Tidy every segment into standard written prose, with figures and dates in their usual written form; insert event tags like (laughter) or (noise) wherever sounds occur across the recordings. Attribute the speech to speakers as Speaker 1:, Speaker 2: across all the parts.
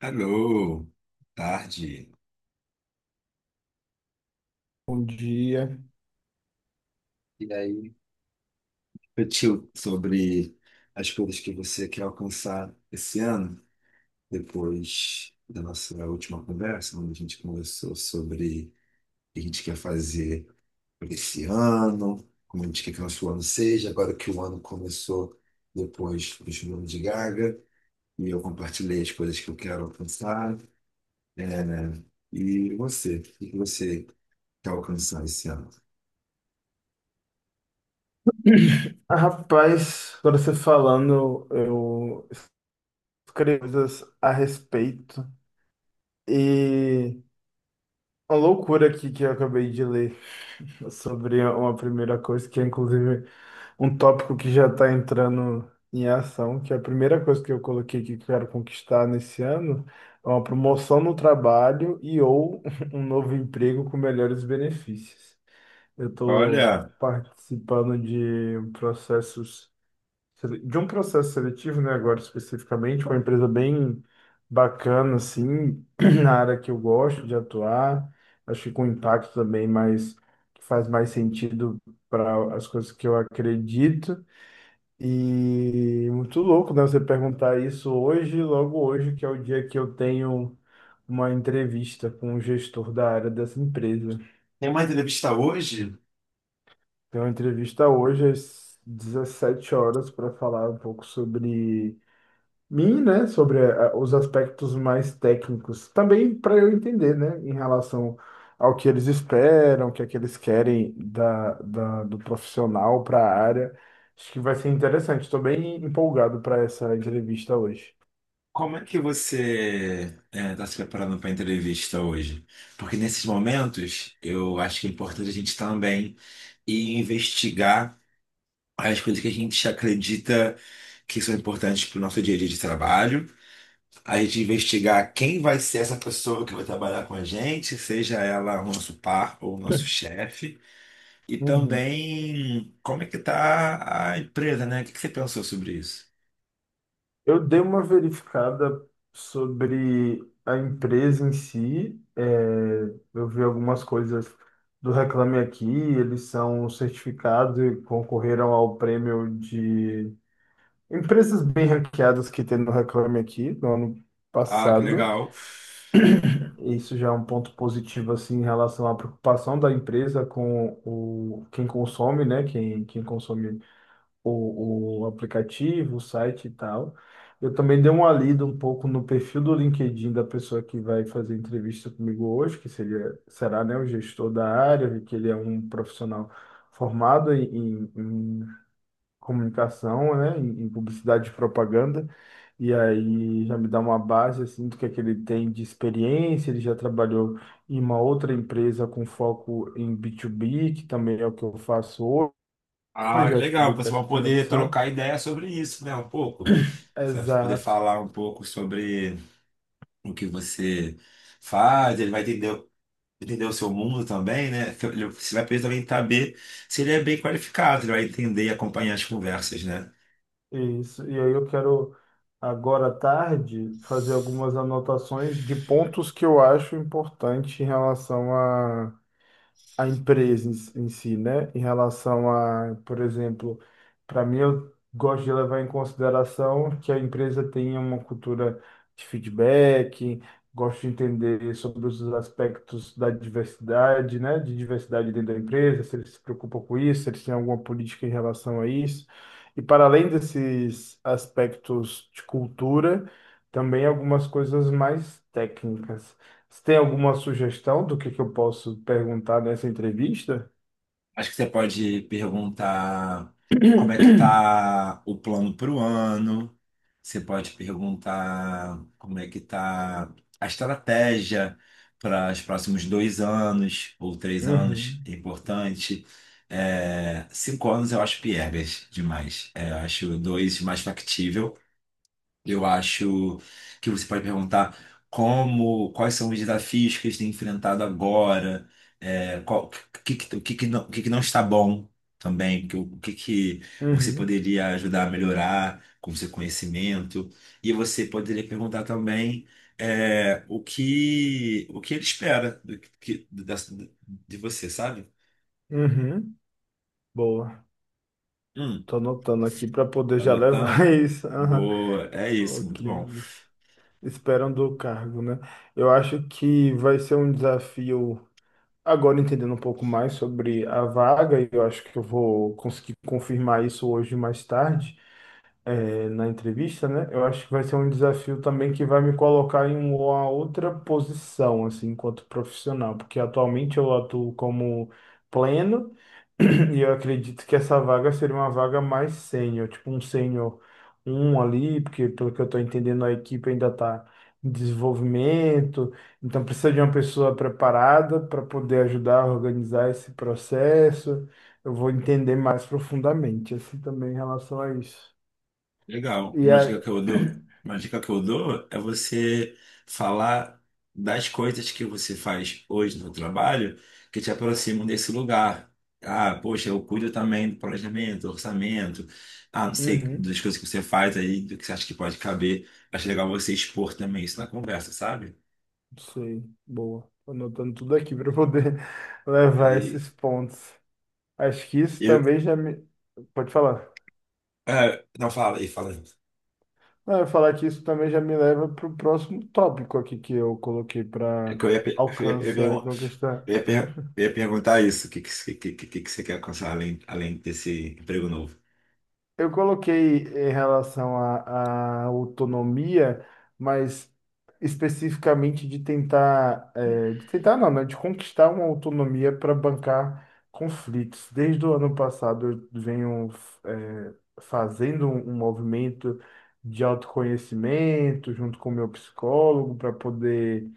Speaker 1: Alô, tarde.
Speaker 2: Bom dia.
Speaker 1: E aí, refletiu sobre as coisas que você quer alcançar esse ano, depois da nossa última conversa, onde a gente conversou sobre o que a gente quer fazer por esse ano, como a gente quer que o nosso ano seja, agora que o ano começou depois do filme de Gaga, e eu compartilhei as coisas que eu quero alcançar. É, né? E você, o que você quer alcançar esse ano?
Speaker 2: Ah, Rapaz, agora você falando, eu escrevi coisas a respeito. E uma loucura aqui que eu acabei de ler sobre uma primeira coisa, que é inclusive um tópico que já está entrando em ação, que é a primeira coisa que eu coloquei que quero conquistar nesse ano é uma promoção no trabalho e ou (laughs) um novo emprego com melhores benefícios. Eu estou
Speaker 1: Olha,
Speaker 2: participando de processos de um processo seletivo, né, agora especificamente, uma empresa bem bacana, assim, (clears throat) na área que eu gosto de atuar, acho que com impacto também, mas que faz mais sentido para as coisas que eu acredito. E muito louco, né, você perguntar isso hoje, logo hoje, que é o dia que eu tenho uma entrevista com o gestor da área dessa empresa.
Speaker 1: tem uma entrevista hoje.
Speaker 2: Tenho uma entrevista hoje às 17 horas para falar um pouco sobre mim, né, sobre os aspectos mais técnicos, também para eu entender, né, em relação ao que eles esperam, o que é que eles querem do profissional para a área. Acho que vai ser interessante. Estou bem empolgado para essa entrevista hoje.
Speaker 1: Como é que você está se preparando para a entrevista hoje? Porque nesses momentos, eu acho que é importante a gente também ir investigar as coisas que a gente acredita que são importantes para o nosso dia a dia de trabalho. A gente investigar quem vai ser essa pessoa que vai trabalhar com a gente, seja ela o nosso par ou o nosso chefe. E
Speaker 2: Uhum.
Speaker 1: também como é que está a empresa, né? O que que você pensou sobre isso?
Speaker 2: Eu dei uma verificada sobre a empresa em si. É, eu vi algumas coisas do Reclame Aqui. Eles são certificados e concorreram ao prêmio de empresas bem ranqueadas que tem no Reclame Aqui no ano
Speaker 1: Ah, que
Speaker 2: passado.
Speaker 1: legal.
Speaker 2: E isso já é um ponto positivo assim em relação à preocupação da empresa com o quem consome, né? Quem consome o aplicativo, o site e tal. Eu também dei uma lida um pouco no perfil do LinkedIn da pessoa que vai fazer entrevista comigo hoje, que seria, será, né, o gestor da área, vi que ele é um profissional formado em comunicação, né, em publicidade e propaganda, e aí já me dá uma base assim do que é que ele tem de experiência, ele já trabalhou em uma outra empresa com foco em B2B, que também é o que eu faço
Speaker 1: Ah,
Speaker 2: hoje, acho que ele
Speaker 1: legal.
Speaker 2: tem
Speaker 1: Você
Speaker 2: essa
Speaker 1: vai poder
Speaker 2: conexão.
Speaker 1: trocar ideia sobre isso, né? Um pouco. Você vai poder
Speaker 2: Exato,
Speaker 1: falar um pouco sobre o que você faz. Ele vai entender, entender o seu mundo também, né? Você vai poder também saber se ele é bem qualificado. Ele vai entender e acompanhar as conversas, né?
Speaker 2: isso. E aí eu quero agora à tarde fazer algumas anotações de pontos que eu acho importante em relação a empresa em si, né? Em relação a, por exemplo, para mim eu gosto de levar em consideração que a empresa tenha uma cultura de feedback, gosto de entender sobre os aspectos da diversidade, né? De diversidade dentro da empresa, se eles se preocupam com isso, se eles têm alguma política em relação a isso. E para além desses aspectos de cultura, também algumas coisas mais técnicas. Você tem alguma sugestão do que eu posso perguntar nessa entrevista?
Speaker 1: Acho que você pode perguntar como é que
Speaker 2: (coughs) (clears throat)
Speaker 1: tá o plano para o ano. Você pode perguntar como é que tá a estratégia para os próximos dois anos ou três anos.
Speaker 2: Uhum,
Speaker 1: É importante. É, cinco anos eu acho piegas demais. É, eu acho dois mais factível. Eu acho que você pode perguntar como, quais são os desafios que eles têm enfrentado agora, o que, o que que não está bom também, que o que, que você
Speaker 2: uhum,
Speaker 1: poderia ajudar a melhorar com seu conhecimento. E você poderia perguntar também o que ele espera de você, sabe?
Speaker 2: uhum. boa.
Speaker 1: Hum,
Speaker 2: Tô anotando aqui para poder
Speaker 1: tá
Speaker 2: já levar (laughs)
Speaker 1: anotando?
Speaker 2: isso. Aham.
Speaker 1: Boa, é
Speaker 2: O
Speaker 1: isso, muito
Speaker 2: que
Speaker 1: bom.
Speaker 2: eles esperam do cargo, né? Eu acho que vai ser um desafio. Agora entendendo um pouco mais sobre a vaga, e eu acho que eu vou conseguir confirmar isso hoje mais tarde. Na entrevista, né? Eu acho que vai ser um desafio também que vai me colocar em uma outra posição, assim, enquanto profissional, porque atualmente eu atuo como pleno, (clears throat) e eu acredito que essa vaga seria uma vaga mais sênior, tipo um sênior um ali, porque pelo que eu estou entendendo, a equipe ainda está em desenvolvimento, então precisa de uma pessoa preparada para poder ajudar a organizar esse processo. Eu vou entender mais profundamente, assim, também em relação a isso.
Speaker 1: Legal.
Speaker 2: E
Speaker 1: Uma
Speaker 2: a...
Speaker 1: dica que eu dou, uma dica que eu dou é você falar das coisas que você faz hoje no trabalho que te aproximam desse lugar. Ah, poxa, eu cuido também do planejamento, do orçamento, ah, não sei,
Speaker 2: Uhum,
Speaker 1: das coisas que você faz aí, do que você acha que pode caber. Acho legal você expor também isso na conversa, sabe?
Speaker 2: sei, boa. Tô anotando tudo aqui para poder (laughs) levar
Speaker 1: E
Speaker 2: esses pontos. Acho que isso
Speaker 1: eu,
Speaker 2: também já me. Pode falar.
Speaker 1: é, não fala aí, fala. Aí.
Speaker 2: Não, eu ia falar que isso também já me leva para o próximo tópico aqui que eu coloquei
Speaker 1: É
Speaker 2: para
Speaker 1: que eu ia, pe- eu ia, eu ia,
Speaker 2: alcançar e conquistar.
Speaker 1: eu ia per- eu ia perguntar isso, o que que você quer alcançar além desse emprego novo?
Speaker 2: Eu coloquei em relação à autonomia, mas especificamente de tentar, de tentar não, né, de conquistar uma autonomia para bancar conflitos. Desde o ano passado eu venho, eh, fazendo um movimento de autoconhecimento junto com o meu psicólogo para poder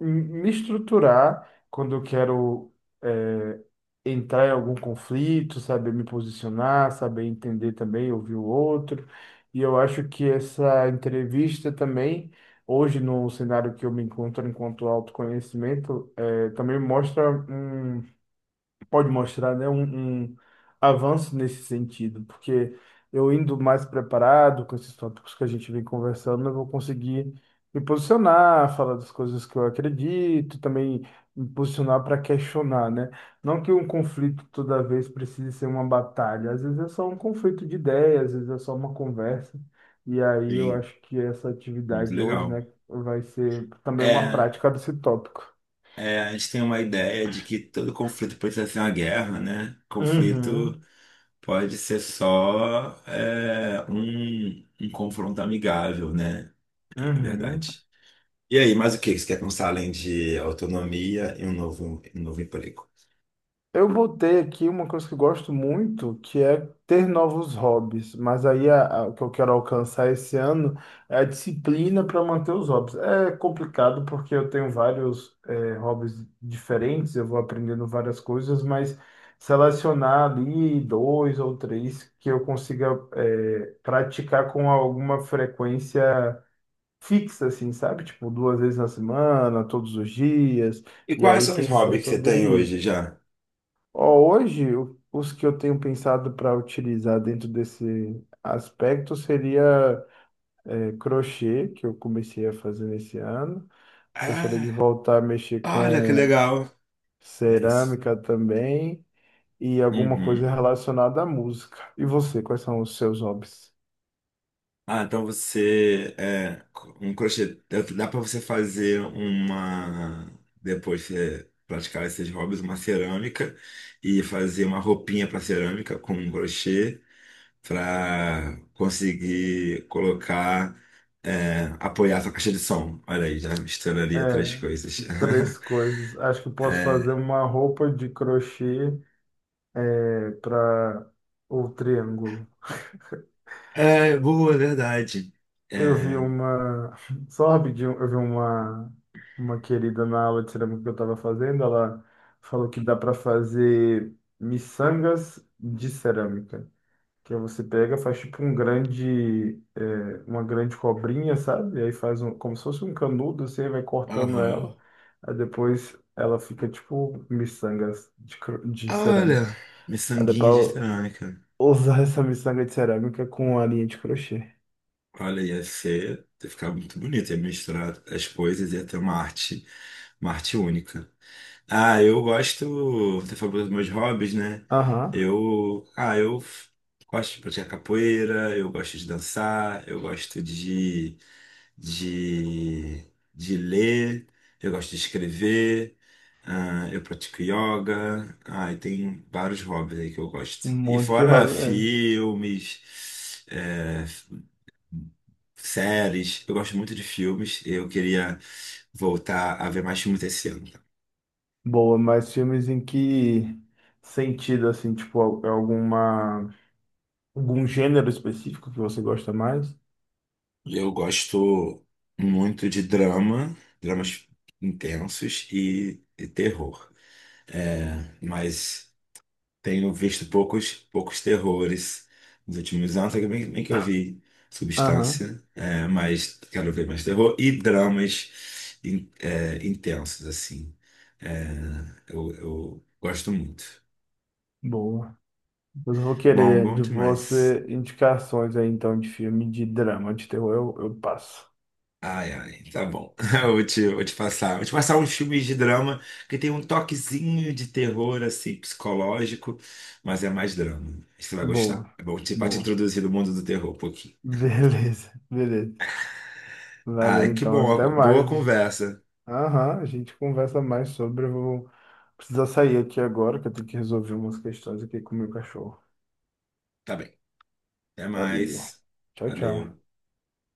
Speaker 2: me estruturar quando eu quero eh, entrar em algum conflito, saber me posicionar, saber entender também, ouvir o outro. E eu acho que essa entrevista também, hoje no cenário que eu me encontro enquanto autoconhecimento, também mostra um pode mostrar, né, um avanço nesse sentido, porque eu indo mais preparado com esses tópicos que a gente vem conversando, eu vou conseguir me posicionar, falar das coisas que eu acredito, também me posicionar para questionar, né? Não que um conflito toda vez precise ser uma batalha, às vezes é só um conflito de ideias, às vezes é só uma conversa. E aí eu
Speaker 1: Sim,
Speaker 2: acho que essa
Speaker 1: muito
Speaker 2: atividade hoje,
Speaker 1: legal.
Speaker 2: né, vai ser também uma
Speaker 1: É,
Speaker 2: prática desse tópico.
Speaker 1: é, a gente tem uma ideia de que todo conflito precisa ser uma guerra, né?
Speaker 2: Uhum,
Speaker 1: Conflito pode ser só um confronto amigável, né? É
Speaker 2: uhum.
Speaker 1: verdade. E aí, mais o que que você quer pensar além de autonomia e um novo emprego?
Speaker 2: Eu botei aqui uma coisa que eu gosto muito, que é ter novos hobbies. Mas aí o que eu quero alcançar esse ano é a disciplina para manter os hobbies. É complicado porque eu tenho vários hobbies diferentes, eu vou aprendendo várias coisas, mas selecionar ali dois ou três que eu consiga praticar com alguma frequência fixa, assim, sabe? Tipo, duas vezes na semana, todos os dias,
Speaker 1: E
Speaker 2: e
Speaker 1: quais
Speaker 2: aí
Speaker 1: são os
Speaker 2: pensar
Speaker 1: hobbies que você
Speaker 2: sobre
Speaker 1: tem hoje
Speaker 2: isso.
Speaker 1: já?
Speaker 2: Ó, hoje, os que eu tenho pensado para utilizar dentro desse aspecto seria crochê, que eu comecei a fazer nesse ano. Gostaria de
Speaker 1: Ah,
Speaker 2: voltar a mexer
Speaker 1: olha que
Speaker 2: com
Speaker 1: legal. É isso.
Speaker 2: cerâmica também e alguma coisa
Speaker 1: Uhum.
Speaker 2: relacionada à música. E você, quais são os seus hobbies?
Speaker 1: Ah, então você é um crochê. Dá para você fazer uma. Depois você praticar esses hobbies, uma cerâmica e fazer uma roupinha para cerâmica com um crochê para conseguir colocar, apoiar sua caixa de som. Olha aí, já misturaria três
Speaker 2: É,
Speaker 1: coisas. (laughs)
Speaker 2: três coisas. Acho que posso fazer
Speaker 1: É,
Speaker 2: uma roupa de crochê para o triângulo.
Speaker 1: é boa, é verdade.
Speaker 2: Eu vi
Speaker 1: É,
Speaker 2: uma. (laughs) Só rapidinho, uma querida na aula de cerâmica que eu estava fazendo. Ela falou que dá para fazer miçangas de cerâmica. Que aí você pega, faz tipo um grande. Uma grande cobrinha, sabe? E aí faz um, como se fosse um canudo, você vai cortando
Speaker 1: aham.
Speaker 2: ela. Aí depois ela fica tipo miçangas de, de
Speaker 1: Ah,
Speaker 2: cerâmica.
Speaker 1: olha,
Speaker 2: Aí
Speaker 1: miçanguinha de
Speaker 2: depois
Speaker 1: cerâmica.
Speaker 2: usar (laughs) essa miçanga de cerâmica com a linha de crochê.
Speaker 1: Olha, ia ser, ia ficar muito bonito, ia misturar as coisas, ia ter uma arte única. Ah, eu gosto, você falou dos meus hobbies, né?
Speaker 2: Aham.
Speaker 1: Eu, ah, eu f- Gosto de praticar capoeira, eu gosto de dançar, eu gosto de, de ler, eu gosto de escrever, ah, eu pratico yoga, ah, e tem vários hobbies aí que eu gosto.
Speaker 2: Um
Speaker 1: E
Speaker 2: monte de
Speaker 1: fora
Speaker 2: hobby mesmo.
Speaker 1: filmes, séries. Eu gosto muito de filmes. Eu queria voltar a ver mais filmes esse ano, tá?
Speaker 2: Boa, mas filmes em que sentido, assim, tipo, alguma, algum gênero específico que você gosta mais?
Speaker 1: Eu gosto muito de drama, dramas intensos e terror. É, mas tenho visto poucos terrores nos últimos anos, até bem que eu vi
Speaker 2: Aham,
Speaker 1: Substância, é, mas quero ver mais terror e dramas intensos, assim. É, eu gosto muito.
Speaker 2: boa. Mas eu vou
Speaker 1: Bom,
Speaker 2: querer
Speaker 1: bom
Speaker 2: de
Speaker 1: demais.
Speaker 2: você indicações aí, então, de filme de drama, de terror, eu passo.
Speaker 1: Tá bom. (laughs) Vou te passar. Vou te passar uns filmes de drama que tem um toquezinho de terror, assim, psicológico, mas é mais drama. Você vai
Speaker 2: Boa,
Speaker 1: gostar. Pra te
Speaker 2: boa.
Speaker 1: introduzir no mundo do terror um pouquinho.
Speaker 2: Beleza, (laughs) beleza. Valeu,
Speaker 1: Ai, que
Speaker 2: então, até
Speaker 1: bom. Boa
Speaker 2: mais. Gente.
Speaker 1: conversa.
Speaker 2: Aham, a gente conversa mais sobre. Eu vou precisar sair aqui agora, que eu tenho que resolver umas questões aqui com o meu cachorro.
Speaker 1: Tá bem. Até
Speaker 2: Valeu.
Speaker 1: mais.
Speaker 2: Tchau, tchau.
Speaker 1: Valeu.